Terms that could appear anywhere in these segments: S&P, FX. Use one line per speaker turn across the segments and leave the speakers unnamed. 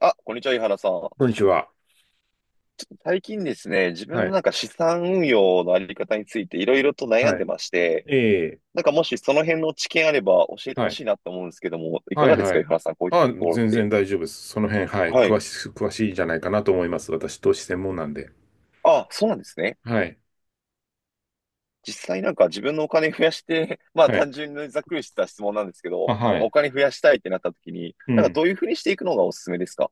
あ、こんにちは、井原さん。
こんにちは。
最近ですね、自分
は
の
い。
なんか資産運用のあり方についていろいろと悩ん
は
で
い。
まして、
ええ。
なんかもしその辺の知見あれば教えて
は
ほ
い。
しいなと思うんですけども、いか
は
が
い。
です
は
か、井
い。
原さん、こういったと
あ、
ころっ
全
て。
然大丈夫です。その辺、はい。
はい。
詳しいんじゃないかなと思います。私、投資専門なんで。
あ、そうなんですね。
はい。
実際なんか自分のお金増やして、まあ
はい。
単純にざっくりした質問なんですけど、
あ、は
まあ、お
い。
金増やしたいってなった時に、
う
なんか
ん。
どういうふうにしていくのがおすすめですか？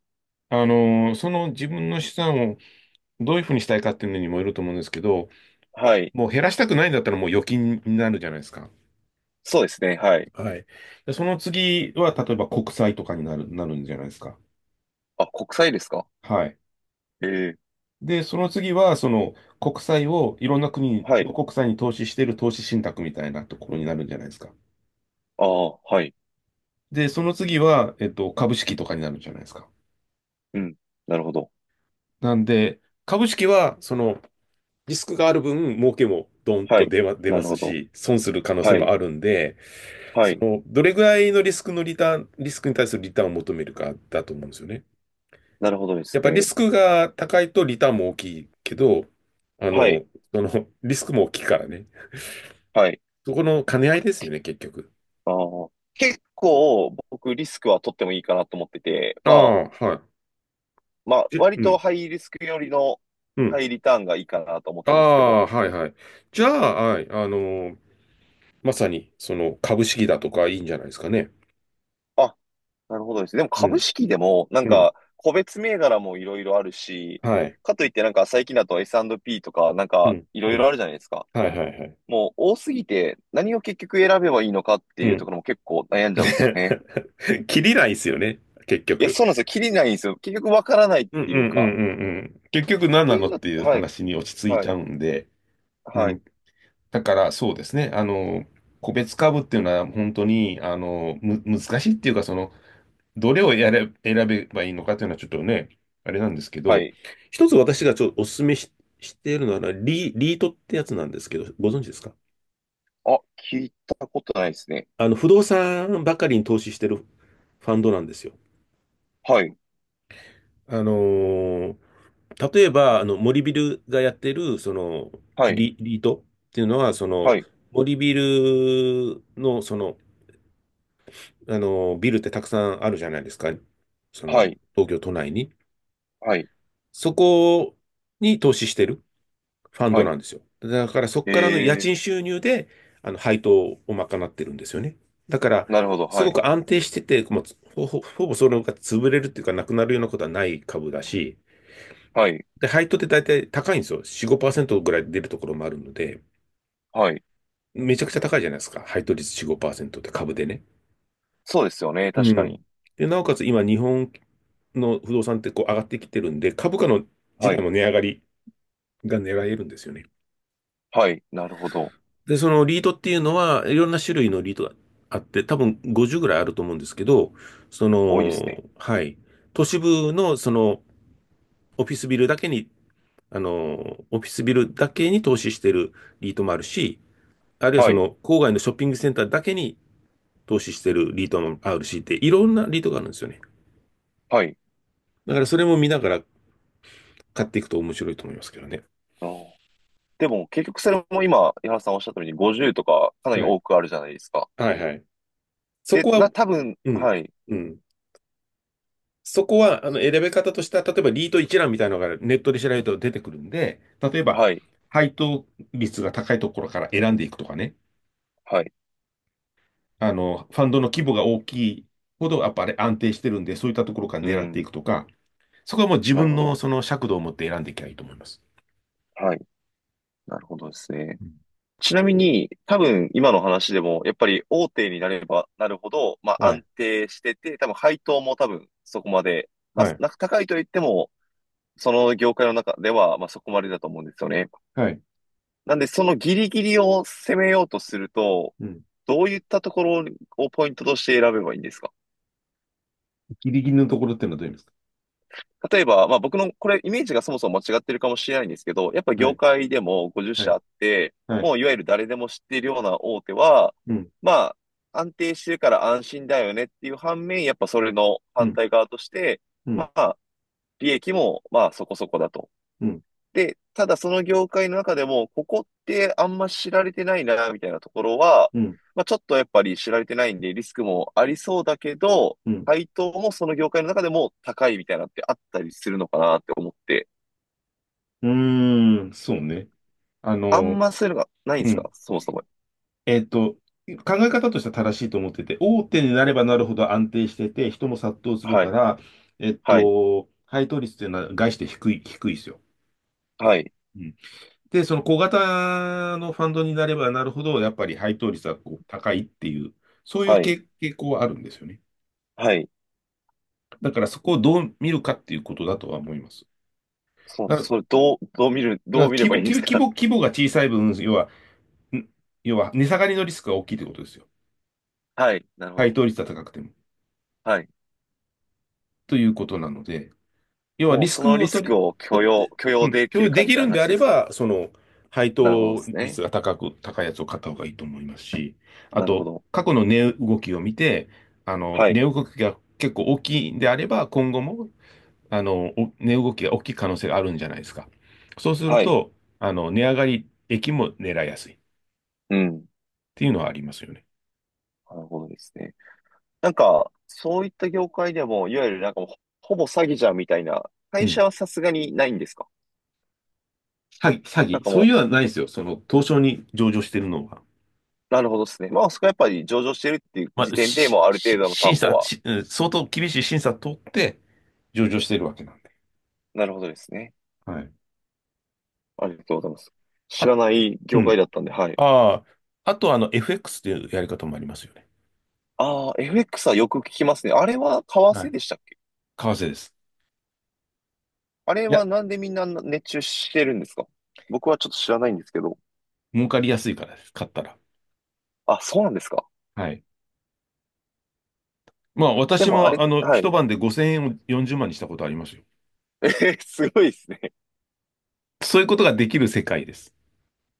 その自分の資産をどういうふうにしたいかっていうのにもよると思うんですけど、
はい。
もう減らしたくないんだったらもう預金になるじゃないですか。
そうですね、はい。
はい。で、その次は、例えば国債とかになる、なるんじゃないですか。
あ、国債ですか？
はい。
ええ、
で、その次は、その国債をいろんな国
はい。
の国債に投資している投資信託みたいなところになるんじゃないですか。
ああ、はい。
で、その次は、株式とかになるんじゃないですか。
うん。なるほど。
なんで、株式は、その、リスクがある分、儲けもドン
は
と
い。
出ま、出
な
ま
る
す
ほど。
し、損する可能性
は
も
い。
あるんで、
は
そ
い。
の、どれぐらいのリスクに対するリターンを求めるかだと思うんですよね。
なるほどで
や
す
っぱりリ
ね。
スクが高いとリターンも大きいけど、あ
は
の、
い。
その、リスクも大きいからね。
はい。
そこの兼ね合いですよね、結局。
あー結構僕リスクは取ってもいいかなと思ってて、
あ
まあ、
あ、はい。で、
割
う
と
ん、
ハイリスクよりの
うん。
ハイリターンがいいかなと思っ
あ
てるんですけど。
あ、はい、はい。じゃあ、はい、ーまさに、その、株式だとかいいんじゃないですかね。
あ、なるほどです。でも
う
株
ん、
式でもなん
うん、
か個別銘柄もいろいろあるし、
はい、
かといってなんか最近だと S&P とかなん
う
か
ん、
い
う
ろい
ん、
ろあるじゃないですか。
はい、はい、はい。
もう多すぎて何を結局選べばいいのかって
う
いうと
ん。
ころも結構悩んじゃうんですよね。
切りないですよね、結
いや、
局。
そうなんですよ。切りないんですよ。結局わからないっ
うんうん
ていう
う
か。
んうんうん。結局何
と
な
い
の
う
っ
の
ていう
は、はい、
話に落ち着い
は
ちゃう
い、
んで、う
はい、
ん、だからそうですね、個別株っていうのは本当に、難しいっていうか、その、どれをやれ、選べばいいのかというのはちょっとね、あれなんですけ
は
ど、
い。
一つ私がちょっとお勧めし、しているのはリートってやつなんですけど、ご存知ですか？
あ、聞いたことないですね。
不動産ばかりに投資してるファンドなんですよ。
はい、
あのー例えば、森ビルがやってる、その、
はい、
リートっていうのは、その、
はい、
森ビルの、その、ビルってたくさんあるじゃないですか。そ
は
の、
い、
東京都内に。
はい、
そこに投資してる。ファン
は
ド
い。
なんですよ。だからそこ
え
からの家賃
ー、
収入で、配当を賄ってるんですよね。だから、
なるほど、
す
は
ご
い、
く安定してて、もうほぼそれが潰れるっていうか、なくなるようなことはない株だし、
はい、
で、配当って大体高いんですよ。4、5%ぐらい出るところもあるので、
はい。
めちゃくちゃ高いじゃないですか。配当率4、5%って株でね。
そうですよね、
う
確か
ん。
に。
で、なおかつ今、日本の不動産ってこう上がってきてるんで、株価の自
は
体
い、
も値上がりが狙えるんですよね。
はい、なるほど。
で、そのリードっていうのは、いろんな種類のリードがあって、多分50ぐらいあると思うんですけど、そ
多いですね。
の、はい。都市部の、その、オフィスビルだけに、あの、オフィスビルだけに投資してるリートもあるし、あるいは
は
そ
い、
の、郊外のショッピングセンターだけに投資してるリートもあるしって、いろんなリートがあるんですよね。
はい。
だからそれも見ながら買っていくと面白いと思いますけどね。
あーでも、結局それも今、井原さんおっしゃったように50とかかなり
はい。
多くあるじゃないですか。
はいはい。そ
で、
こは、
多分、
うん、
はい、
うん。そこは、選べ方としては、例えばリート一覧みたいなのがネットで調べると出てくるんで、例えば、
はい、
配当率が高いところから選んでいくとかね、
はい。
ファンドの規模が大きいほど、やっぱり安定してるんで、そういったところから
う
狙って
ん、
いくとか、そこはもう自
なる
分
ほ
の
ど。
その尺度を持って選んでいけばいいと思います。
はい、なるほどですね。
うん、
ちなみに、多分今の話でも、やっぱり大手になればなるほど、まあ
は
安
い、
定してて、多分配当も多分そこまで、まあ
はい、
高いと言っても、その業界の中では、まあそこまでだと思うんですよね。
はい。
なんで、そのギリギリを攻めようとすると、
うん。
どういったところをポイントとして選べばいいんですか？
ギリギリのところっていうのはどういうんですか？
例えば、まあ僕のこれイメージがそもそも間違ってるかもしれないんですけど、やっぱ
は
業
い、
界でも
は
50社
い、
あって、
はい。
もういわゆる誰でも知っているような大手は、
うん、
まあ安定してるから安心だよねっていう反面、やっぱそれの
う
反
ん、
対側として、
うん、
まあ利益もまあそこそこだと。
うん、
で、ただその業界の中でも、ここってあんま知られてないな、みたいなところは、
うん、
まあ、ちょっとやっぱり知られてないんで、リスクもありそうだけど、
うん。
配当もその業界の中でも高いみたいなってあったりするのかなって思って、
うーん、そうね。あ
あ
の、
んまそういうのがないんで
う
すか
ん。
そもそも？
えっと、考え方としては正しいと思ってて、大手になればなるほど安定してて、人も殺到する
は
か
い、
ら、
はい、
配当率っていうのは概して低い、低いですよ。
はい、
うん、で、その小型のファンドになればなるほど、やっぱり配当率はこう高いっていう、そういう
はい、
傾向はあるんですよね。
はい。
だからそこをどう見るかっていうことだとは思います。
そう、
だか
それど
ら
う見れ
規模、
ばいいんです
規
か？
模、規模が小さい分、要は、ん要は値下がりのリスクが大きいということですよ。
はい、なるほ
配
ど。
当率が高くても。
はい。
ということなので、要は
も
リ
う
ス
その
ク
リ
を
ス
取り、
クを許
と
容、許
う
容
ん、
でき
共
る
有
か
で
み
き
たい
る
な
んで
話
あ
で
れ
すか？
ば、その、配
なるほどで
当
す
率
ね。
が高く、高いやつを買った方がいいと思いますし、あ
なるほ
と、
ど。
過去の値動きを見て、
は
値
い、
動きが結構大きいんであれば、今後も、お値動きが大きい可能性があるんじゃないですか。そうする
はい。
と、値上がり益も狙いやすいっ
うん。
ていうのはありますよね。
なるほどですね。なんか、そういった業界でも、いわゆるなんかもう、ほぼ詐欺じゃんみたいな、
う
会
ん。
社はさすがにないんですか？
詐欺、詐
なん
欺、
か
そうい
も
うのはないですよ。その、東証に上場してるのは。
う、なるほどですね。まあ、そこはやっぱり上場してるっていう
ま
時
あ、
点で
し、
もうある程
し、
度の
審
担保
査、
は、
し、うん相当厳しい審査通って、上場しているわけなんで。
なるほどですね。
はい。
ありがとうございます。知
あ、
らない
う
業界だ
ん。
ったんで、はい。
ああ、あとはFX というやり方もありますよね。
ああ、FX はよく聞きますね。あれは為
は
替
い。
でしたっけ？
為替です。
あれ
い
は
や、
なんでみんな熱中してるんですか？僕はちょっと知らないんですけど。
儲かりやすいからです。買ったら。
あ、そうなんですか？
はい。まあ、
で
私
もあ
も
れ、は
一
い。
晩で5000円を40万にしたことありますよ。
えーすごいですね。
そういうことができる世界です。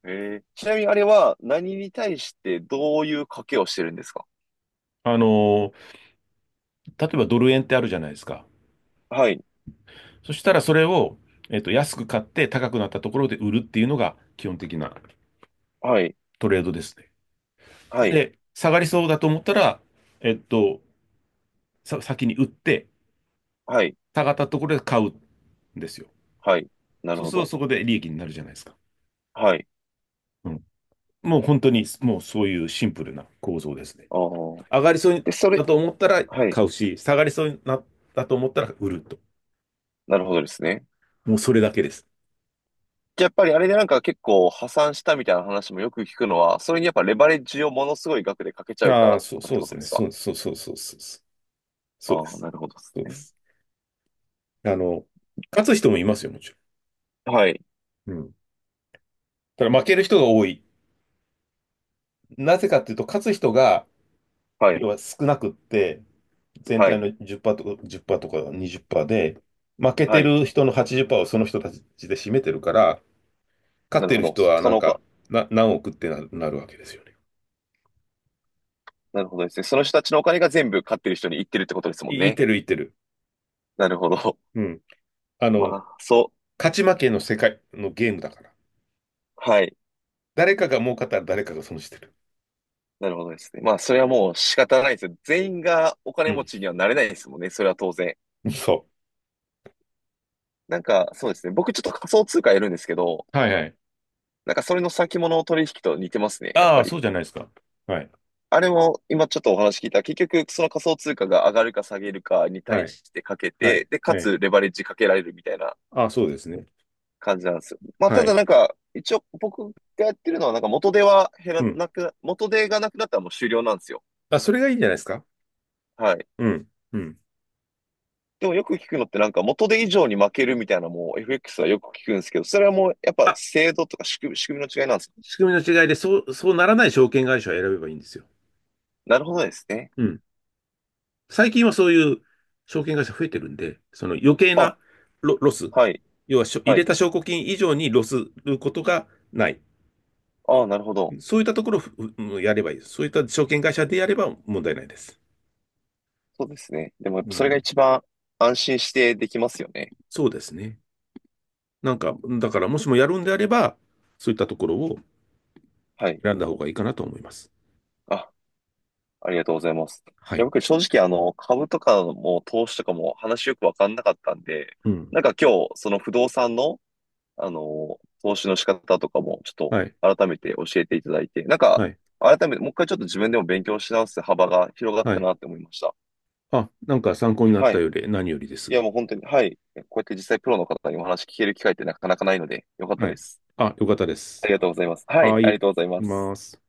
ええ、ちなみにあれは何に対してどういう賭けをしてるんですか？
あのー、例えばドル円ってあるじゃないですか。
はい、
そしたらそれを、安く買って高くなったところで売るっていうのが基本的な
はい、
トレードですね。
はい、
で、下がりそうだと思ったら、えっと、先に売って、
はい、
下がったところで買うんですよ。
はい。なる
そう
ほ
すると
ど。
そこで利益になるじゃないですか。
はい。
うん。もう本当に、もうそういうシンプルな構造ですね。
ああ。
上がりそう
で、それ、
だと思ったら
はい。
買うし、下がりそうになったと思ったら売ると。
なるほどですね。
もうそれだけです。
じゃあやっぱりあれでなんか結構破産したみたいな話もよく聞くのは、それにやっぱレバレッジをものすごい額でかけちゃうか
ああ、
らと
そう、
かっ
そう
て
で
こ
す
とで
ね。
すか？
そう、そう、そう、そう、そう、そうそうで
ああ、
す。
なるほどです
そうで
ね。
す。あの、勝つ人もいますよ、もち
はい、
ろん。うん。ただ負ける人が多い。なぜかっていうと、勝つ人が、
はい、
要は少なくって、全
は
体
い、
の10%とか、1とか20%で、負け
は
て
い。
る人の80%をその人たちで占めてるから、勝っ
なる
て
ほ
る
ど。
人は
そ
な
の
ん
お
か、
か、
何億ってなるわけですよね。
なるほどですね。その人たちのお金が全部勝ってる人に行ってるってことですもん
い
ね。
てる、いてる。
なるほど。
うん。あ
ま
の、
あ、そう。
勝ち負けの世界のゲームだから。
はい。
誰かが儲かったら誰かが損してる。
なるほどですね。まあ、それはもう仕方ないですよ。全員がお
う
金持
ん。
ちにはなれないですもんね。それは当然。
そ
なんか、そうですね。僕ちょっと仮想通貨やるんですけど、
う。はいはい。
なんかそれの先物取引と似てますね。やっ
あ
ぱ
あ、そ
り。
うじゃないですか。はい。
あれも今ちょっとお話聞いた。結局、その仮想通貨が上がるか下げるかに
は
対
い。
してかけ
は
て、
い。
で、か
はい。
つレバレッジかけられるみたいな
ああ、そうですね。
感じなんですよ。まあ、
は
ただ
い。
なんか、一応僕がやってるのは、なんか元手は減ら
うん。
なくな、元手がなくなったらもう終了なんですよ。
あ、それがいいんじゃないですか。
はい。
うん。うん。
でもよく聞くのってなんか元手以上に負けるみたいなもう FX はよく聞くんですけど、それはもうやっぱ
あ
制度とか仕組みの違いなんですか？
仕組みの違いで、そうならない証券会社を選べばいいんですよ。
なるほどですね。
うん。最近はそういう証券会社増えてるんで、その余計
あ、
なロス、
はい、
要は入
は
れ
い。
た証拠金以上にロスることがない。
ああ、なるほど。
そういったところをやればいいです。そういった証券会社でやれば問題ないです。
そうですね。でもやっ
う
ぱそれが
ん。
一番安心してできますよね。
そうですね。なんか、だからもしもやるんであれば、そういったところを
はい。
選んだ方がいいかなと思います。
あ、ありがとうございます。い
は
や、
い。
僕正直株とかも投資とかも話よくわかんなかったんで、
うん。
なんか今日その不動産の投資の仕方とかもちょ
はい。
っと改めて教えていただいて、なんか、
はい。
改めてもう一回ちょっと自分でも勉強し直す幅が広がっ
は
た
い。
なって思いました。
あ、なんか参考になっ
は
た
い。
より何よりで
い
す。
や、もう本当に、はい。こうやって実際プロの方にお話聞ける機会ってなかなかないので、よかった
は
で
い。
す。
あ、よかったで
あ
す。
りがとうございます。はい、
はい、
ありが
行
とうございま
き
す。
ます。